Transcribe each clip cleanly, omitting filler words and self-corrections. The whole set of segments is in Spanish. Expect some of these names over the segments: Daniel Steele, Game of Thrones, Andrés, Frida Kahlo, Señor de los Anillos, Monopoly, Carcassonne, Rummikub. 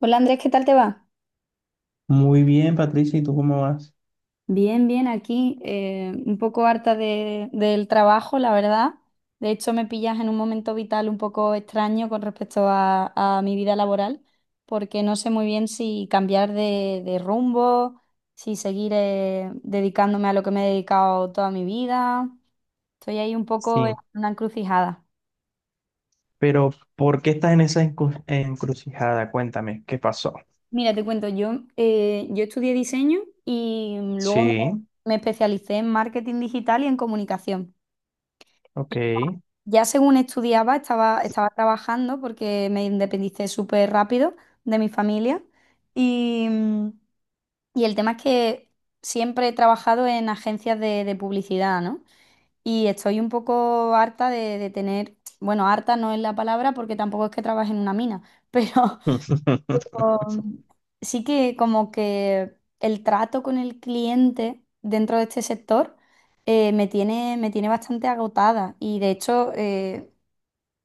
Hola Andrés, ¿qué tal te va? Muy bien, Patricia, ¿y tú cómo vas? Bien, bien, aquí un poco harta del trabajo, la verdad. De hecho, me pillas en un momento vital un poco extraño con respecto a mi vida laboral, porque no sé muy bien si cambiar de rumbo, si seguir dedicándome a lo que me he dedicado toda mi vida. Estoy ahí un poco en Sí, una encrucijada. pero ¿por qué estás en esa encrucijada? Cuéntame, ¿qué pasó? Mira, te cuento, yo, yo estudié diseño y luego me Sí, me especialicé en marketing digital y en comunicación. ok. Ya según estudiaba, estaba trabajando porque me independicé súper rápido de mi familia y, mm, y el tema es que siempre he trabajado en agencias de publicidad, ¿no? Y estoy un poco harta de tener, bueno, harta no es la palabra porque tampoco es que trabaje en una mina, pero um, sí que como que el trato con el cliente dentro de este sector me tiene bastante agotada y de hecho.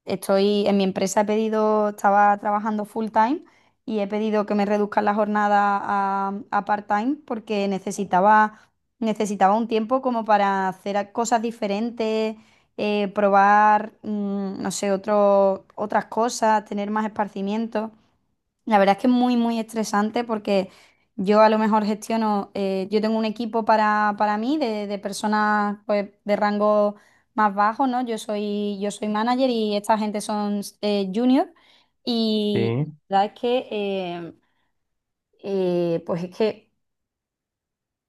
Estoy en mi empresa, he pedido, estaba trabajando full time y he pedido que me reduzcan la jornada a part-time porque necesitaba un tiempo como para hacer cosas diferentes, probar, no sé, otras cosas, tener más esparcimiento. La verdad es que es muy, muy estresante porque yo a lo mejor gestiono, yo tengo un equipo para mí de personas pues, de rango más bajo, ¿no? Yo soy manager y esta gente son junior y Sí, la verdad es que, pues es que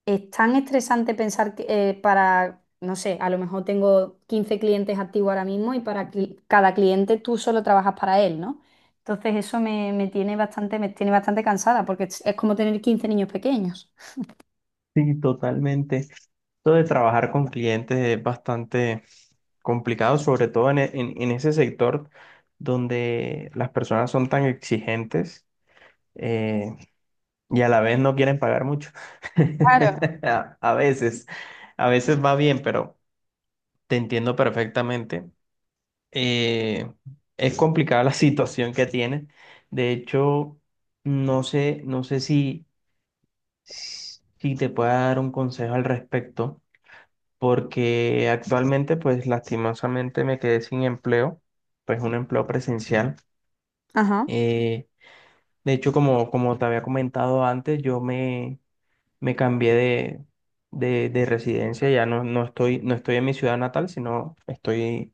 es tan estresante pensar que para, no sé, a lo mejor tengo 15 clientes activos ahora mismo y para cada cliente tú solo trabajas para él, ¿no? Entonces eso me tiene me tiene bastante cansada porque es como tener 15 niños pequeños. sí, totalmente. Esto de trabajar con clientes es bastante complicado, sobre todo en ese sector donde las personas son tan exigentes eh, y a la vez no quieren pagar mucho. Claro. A veces, a veces va bien, pero te entiendo perfectamente. eh, es complicada la situación que tienes. De hecho, no sé, no sé si, si te pueda dar un consejo al respecto, porque actualmente, pues lastimosamente me quedé sin empleo, pues un empleo presencial. Ajá. Eh, de hecho, como, como te había comentado antes, me cambié de residencia, ya no, no estoy, no estoy en mi ciudad natal, sino estoy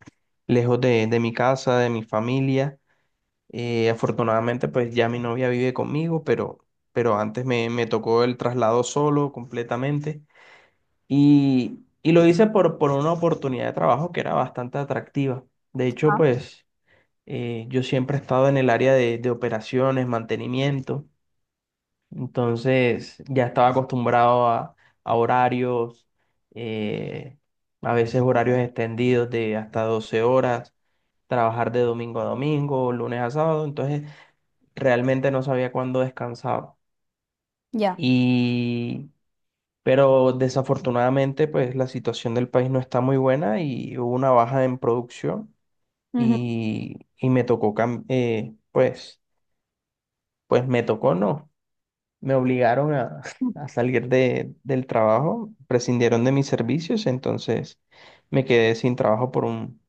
lejos de mi casa, de mi familia. Afortunadamente, pues ya mi novia vive conmigo, pero antes me, me tocó el traslado solo completamente. Y lo hice por una oportunidad de trabajo que era bastante atractiva. De Ajá. hecho, pues yo siempre he estado en el área de operaciones, mantenimiento, entonces ya estaba acostumbrado a horarios, eh, a veces horarios extendidos de hasta 12 horas, trabajar de domingo a domingo, lunes a sábado, entonces realmente no sabía cuándo descansaba. Ya. Y, pero desafortunadamente, pues la situación del país no está muy buena y hubo una baja en producción Ujú. Y me tocó, pues me tocó, no, me obligaron a, a salir de, del trabajo, prescindieron de mis servicios, entonces me quedé sin trabajo por un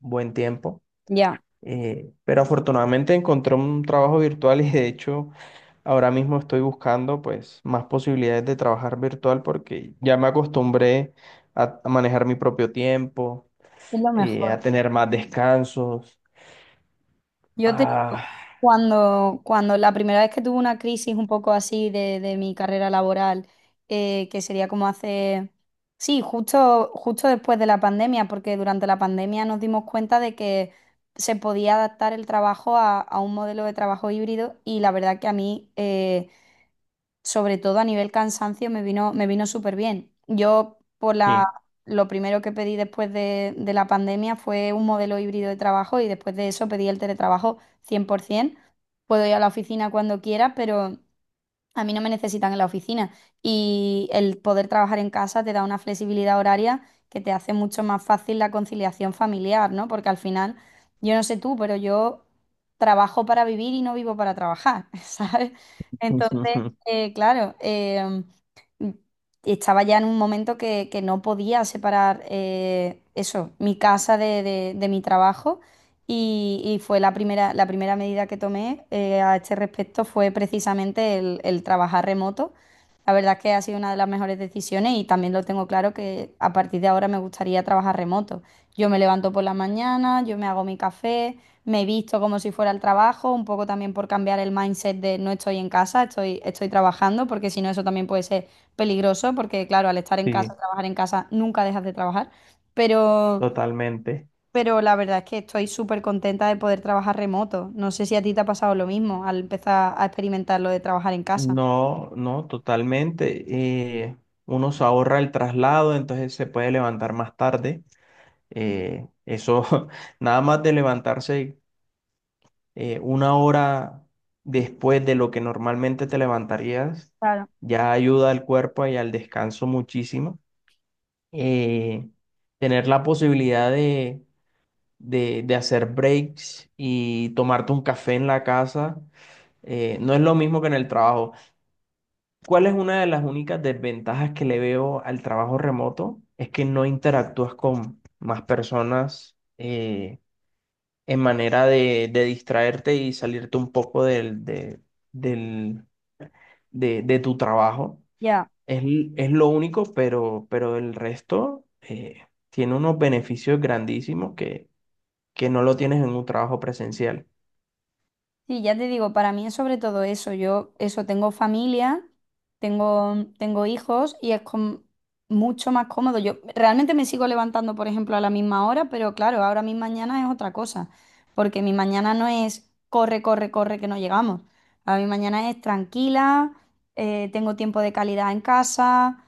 buen tiempo. Ya. Pero afortunadamente encontré un trabajo virtual y de hecho ahora mismo estoy buscando pues más posibilidades de trabajar virtual porque ya me acostumbré a manejar mi propio tiempo, Es lo a mejor. tener más descansos. Yo te digo, Ah, cuando la primera vez que tuve una crisis un poco así de mi carrera laboral, que sería como hace, sí, justo después de la pandemia, porque durante la pandemia nos dimos cuenta de que se podía adaptar el trabajo a un modelo de trabajo híbrido y la verdad que a mí, sobre todo a nivel cansancio, me vino súper bien. Sí, Lo primero que pedí después de la pandemia fue un modelo híbrido de trabajo y después de eso pedí el teletrabajo 100%. Puedo ir a la oficina cuando quiera, pero a mí no me necesitan en la oficina y el poder trabajar en casa te da una flexibilidad horaria que te hace mucho más fácil la conciliación familiar, ¿no? Porque al final, yo no sé tú, pero yo trabajo para vivir y no vivo para trabajar, ¿sabes? Entonces, claro, m- estaba ya en un momento que no podía separar eso, mi casa de mi trabajo. Y fue la primera medida que tomé a este respecto fue precisamente el trabajar remoto. La verdad es que ha sido una de las mejores decisiones y también lo tengo claro que a partir de ahora me gustaría trabajar remoto. Yo me levanto por la mañana, yo me hago mi café, me visto como si fuera al trabajo, un poco también por cambiar el mindset de no estoy en casa, estoy trabajando, porque si no eso también puede ser peligroso, porque claro, al estar en casa, sí, trabajar en casa, nunca dejas de trabajar. Pero totalmente. pero la verdad es que estoy súper contenta de poder trabajar remoto. No sé si a ti te ha pasado lo mismo al empezar a experimentar lo de trabajar en casa. No, no, totalmente. eh, Uno se ahorra el traslado, entonces se puede levantar más tarde. Eso, nada más de levantarse una hora después de lo que normalmente te levantarías, Claro. ya ayuda al cuerpo y al descanso muchísimo. Eh, Tener la posibilidad de hacer breaks y tomarte un café en la casa, no es lo mismo que en el trabajo. ¿Cuál es una de las únicas desventajas que le veo al trabajo remoto? Es que no interactúas con más personas. En manera de distraerte y salirte un poco del- de tu trabajo. Ya, Es lo único, pero el resto tiene unos beneficios grandísimos que no lo tienes en un trabajo presencial. sí, ya te digo, para mí es sobre todo eso. Yo, eso, tengo familia, tengo hijos y es mucho más cómodo. Yo realmente me sigo levantando, por ejemplo, a la misma hora, pero claro, ahora mi mañana es otra cosa, porque mi mañana no es corre, corre, corre, que no llegamos. A mi mañana es tranquila, tengo tiempo de calidad en casa,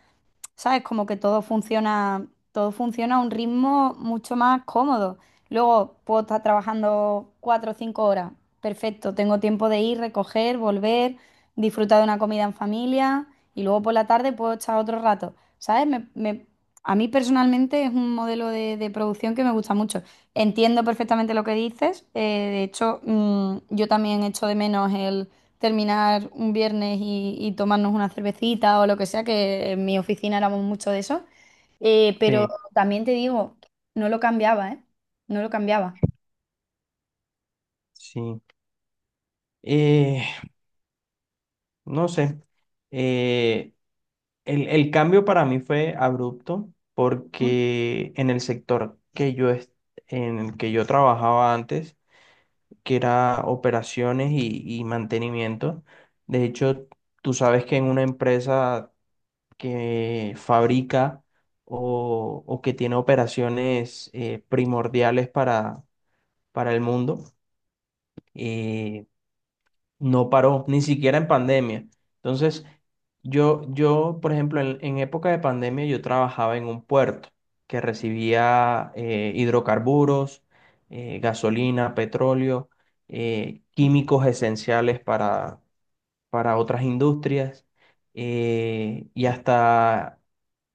¿sabes? Como que todo funciona a un ritmo mucho más cómodo. Luego puedo estar trabajando cuatro o cinco horas. Perfecto, tengo tiempo de ir, recoger, volver, disfrutar de una comida en familia y luego por la tarde puedo echar otro rato. ¿Sabes? A mí personalmente es un modelo de producción que me gusta mucho. Entiendo perfectamente lo que dices. De hecho, yo también echo de menos terminar un viernes y tomarnos una cervecita o lo que sea, que en mi oficina éramos mucho de eso. Pero Sí, también te digo, no lo cambiaba, ¿eh? No lo cambiaba. sí. Eh, no sé. Eh, el cambio para mí fue abrupto Mm, porque en el sector que yo, es en el que yo trabajaba antes, que era operaciones y mantenimiento. De hecho, tú sabes que en una empresa que fabrica o que tiene operaciones primordiales para el mundo, eh, no paró, ni siquiera en pandemia. Entonces, yo, por ejemplo, en época de pandemia yo trabajaba en un puerto que recibía hidrocarburos, gasolina, petróleo, químicos esenciales para otras industrias y hasta,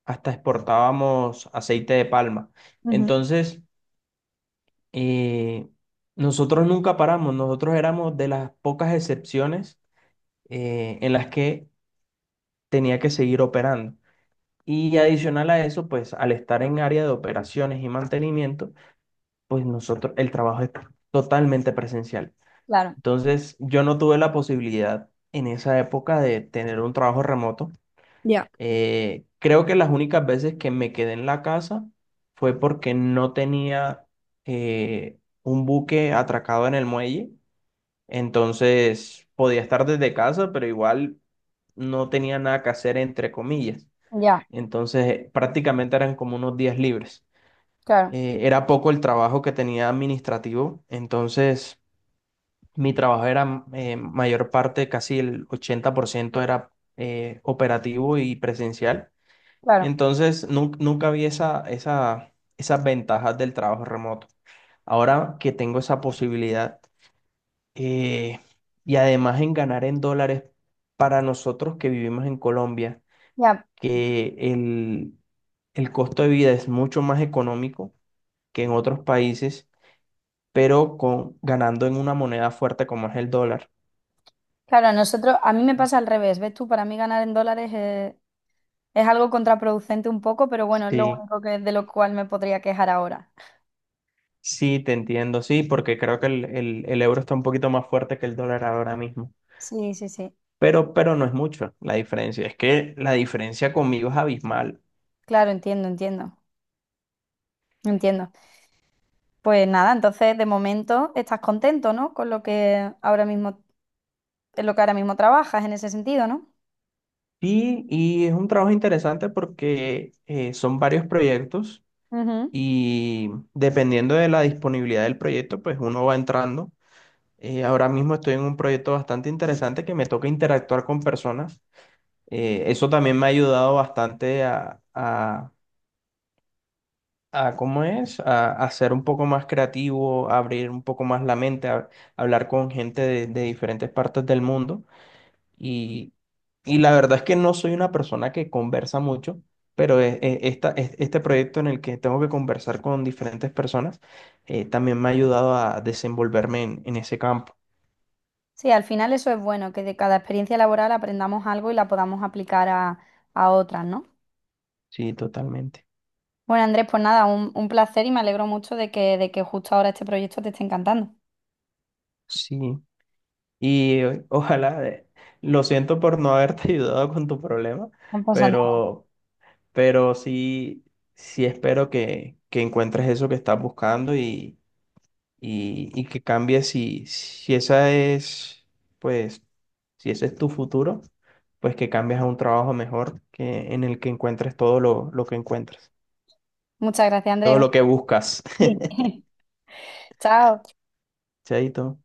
hasta exportábamos aceite de palma. ujú. Entonces, eh, nosotros nunca paramos, nosotros éramos de las pocas excepciones en las que tenía que seguir operando. Y adicional a eso, pues al estar en área de operaciones y mantenimiento, pues nosotros, el trabajo es totalmente presencial. Claro. Entonces, yo no tuve la posibilidad en esa época de tener un trabajo remoto. Ya. Creo que las únicas veces que me quedé en la casa fue porque no tenía un buque atracado en el muelle. Entonces podía estar desde casa, pero igual no tenía nada que hacer, entre comillas. Ya, Entonces prácticamente eran como unos días libres. claro, Era poco el trabajo que tenía administrativo, entonces mi trabajo era mayor parte, casi el 80% era operativo y presencial. claro, Entonces nunca vi esa, esa, esas ventajas del trabajo remoto. Ahora que tengo esa posibilidad eh, y además en ganar en dólares para nosotros que vivimos en Colombia, ya. que el costo de vida es mucho más económico que en otros países, pero con, ganando en una moneda fuerte como es el dólar. Claro, a nosotros, a mí me pasa al revés, ¿ves tú? Para mí ganar en dólares es algo contraproducente un poco, pero bueno, es lo Sí, único que, de lo cual me podría quejar ahora. sí, te entiendo, sí, porque creo que el euro está un poquito más fuerte que el dólar ahora mismo, Sí, sí, sí. Pero no es mucho la diferencia, es que la diferencia conmigo es abismal. Claro, entiendo, entiendo, entiendo. Pues nada, entonces de momento estás contento, ¿no? Con lo que ahora mismo, en lo que ahora mismo trabajas en ese sentido, ¿no? Y es un trabajo interesante porque son varios proyectos Ujú. y dependiendo de la disponibilidad del proyecto, pues uno va entrando. Ahora mismo estoy en un proyecto bastante interesante que me toca interactuar con personas. Eso también me ha ayudado bastante a ¿cómo es? A ser un poco más creativo, a abrir un poco más la mente, a, hablar con gente de diferentes partes del mundo. Y, y la verdad es que no soy una persona que conversa mucho, pero este proyecto en el que tengo que conversar con diferentes personas también me ha ayudado a desenvolverme en ese campo. Sí, al final eso es bueno, que de cada experiencia laboral aprendamos algo y la podamos aplicar a otras, ¿no? Sí, totalmente. Bueno, Andrés, pues nada, un placer y me alegro mucho de que justo ahora este proyecto te esté encantando. Sí. Y ojalá, lo siento por no haberte ayudado con tu problema, No pasa nada. pero, pero sí, sí espero que encuentres eso que estás buscando y que cambie si, si esa es, pues, si ese es tu futuro, pues que cambies a un trabajo mejor que en el que encuentres todo lo que encuentras, Muchas gracias, todo Andrés. lo que buscas. Sí. Chao. Chaito.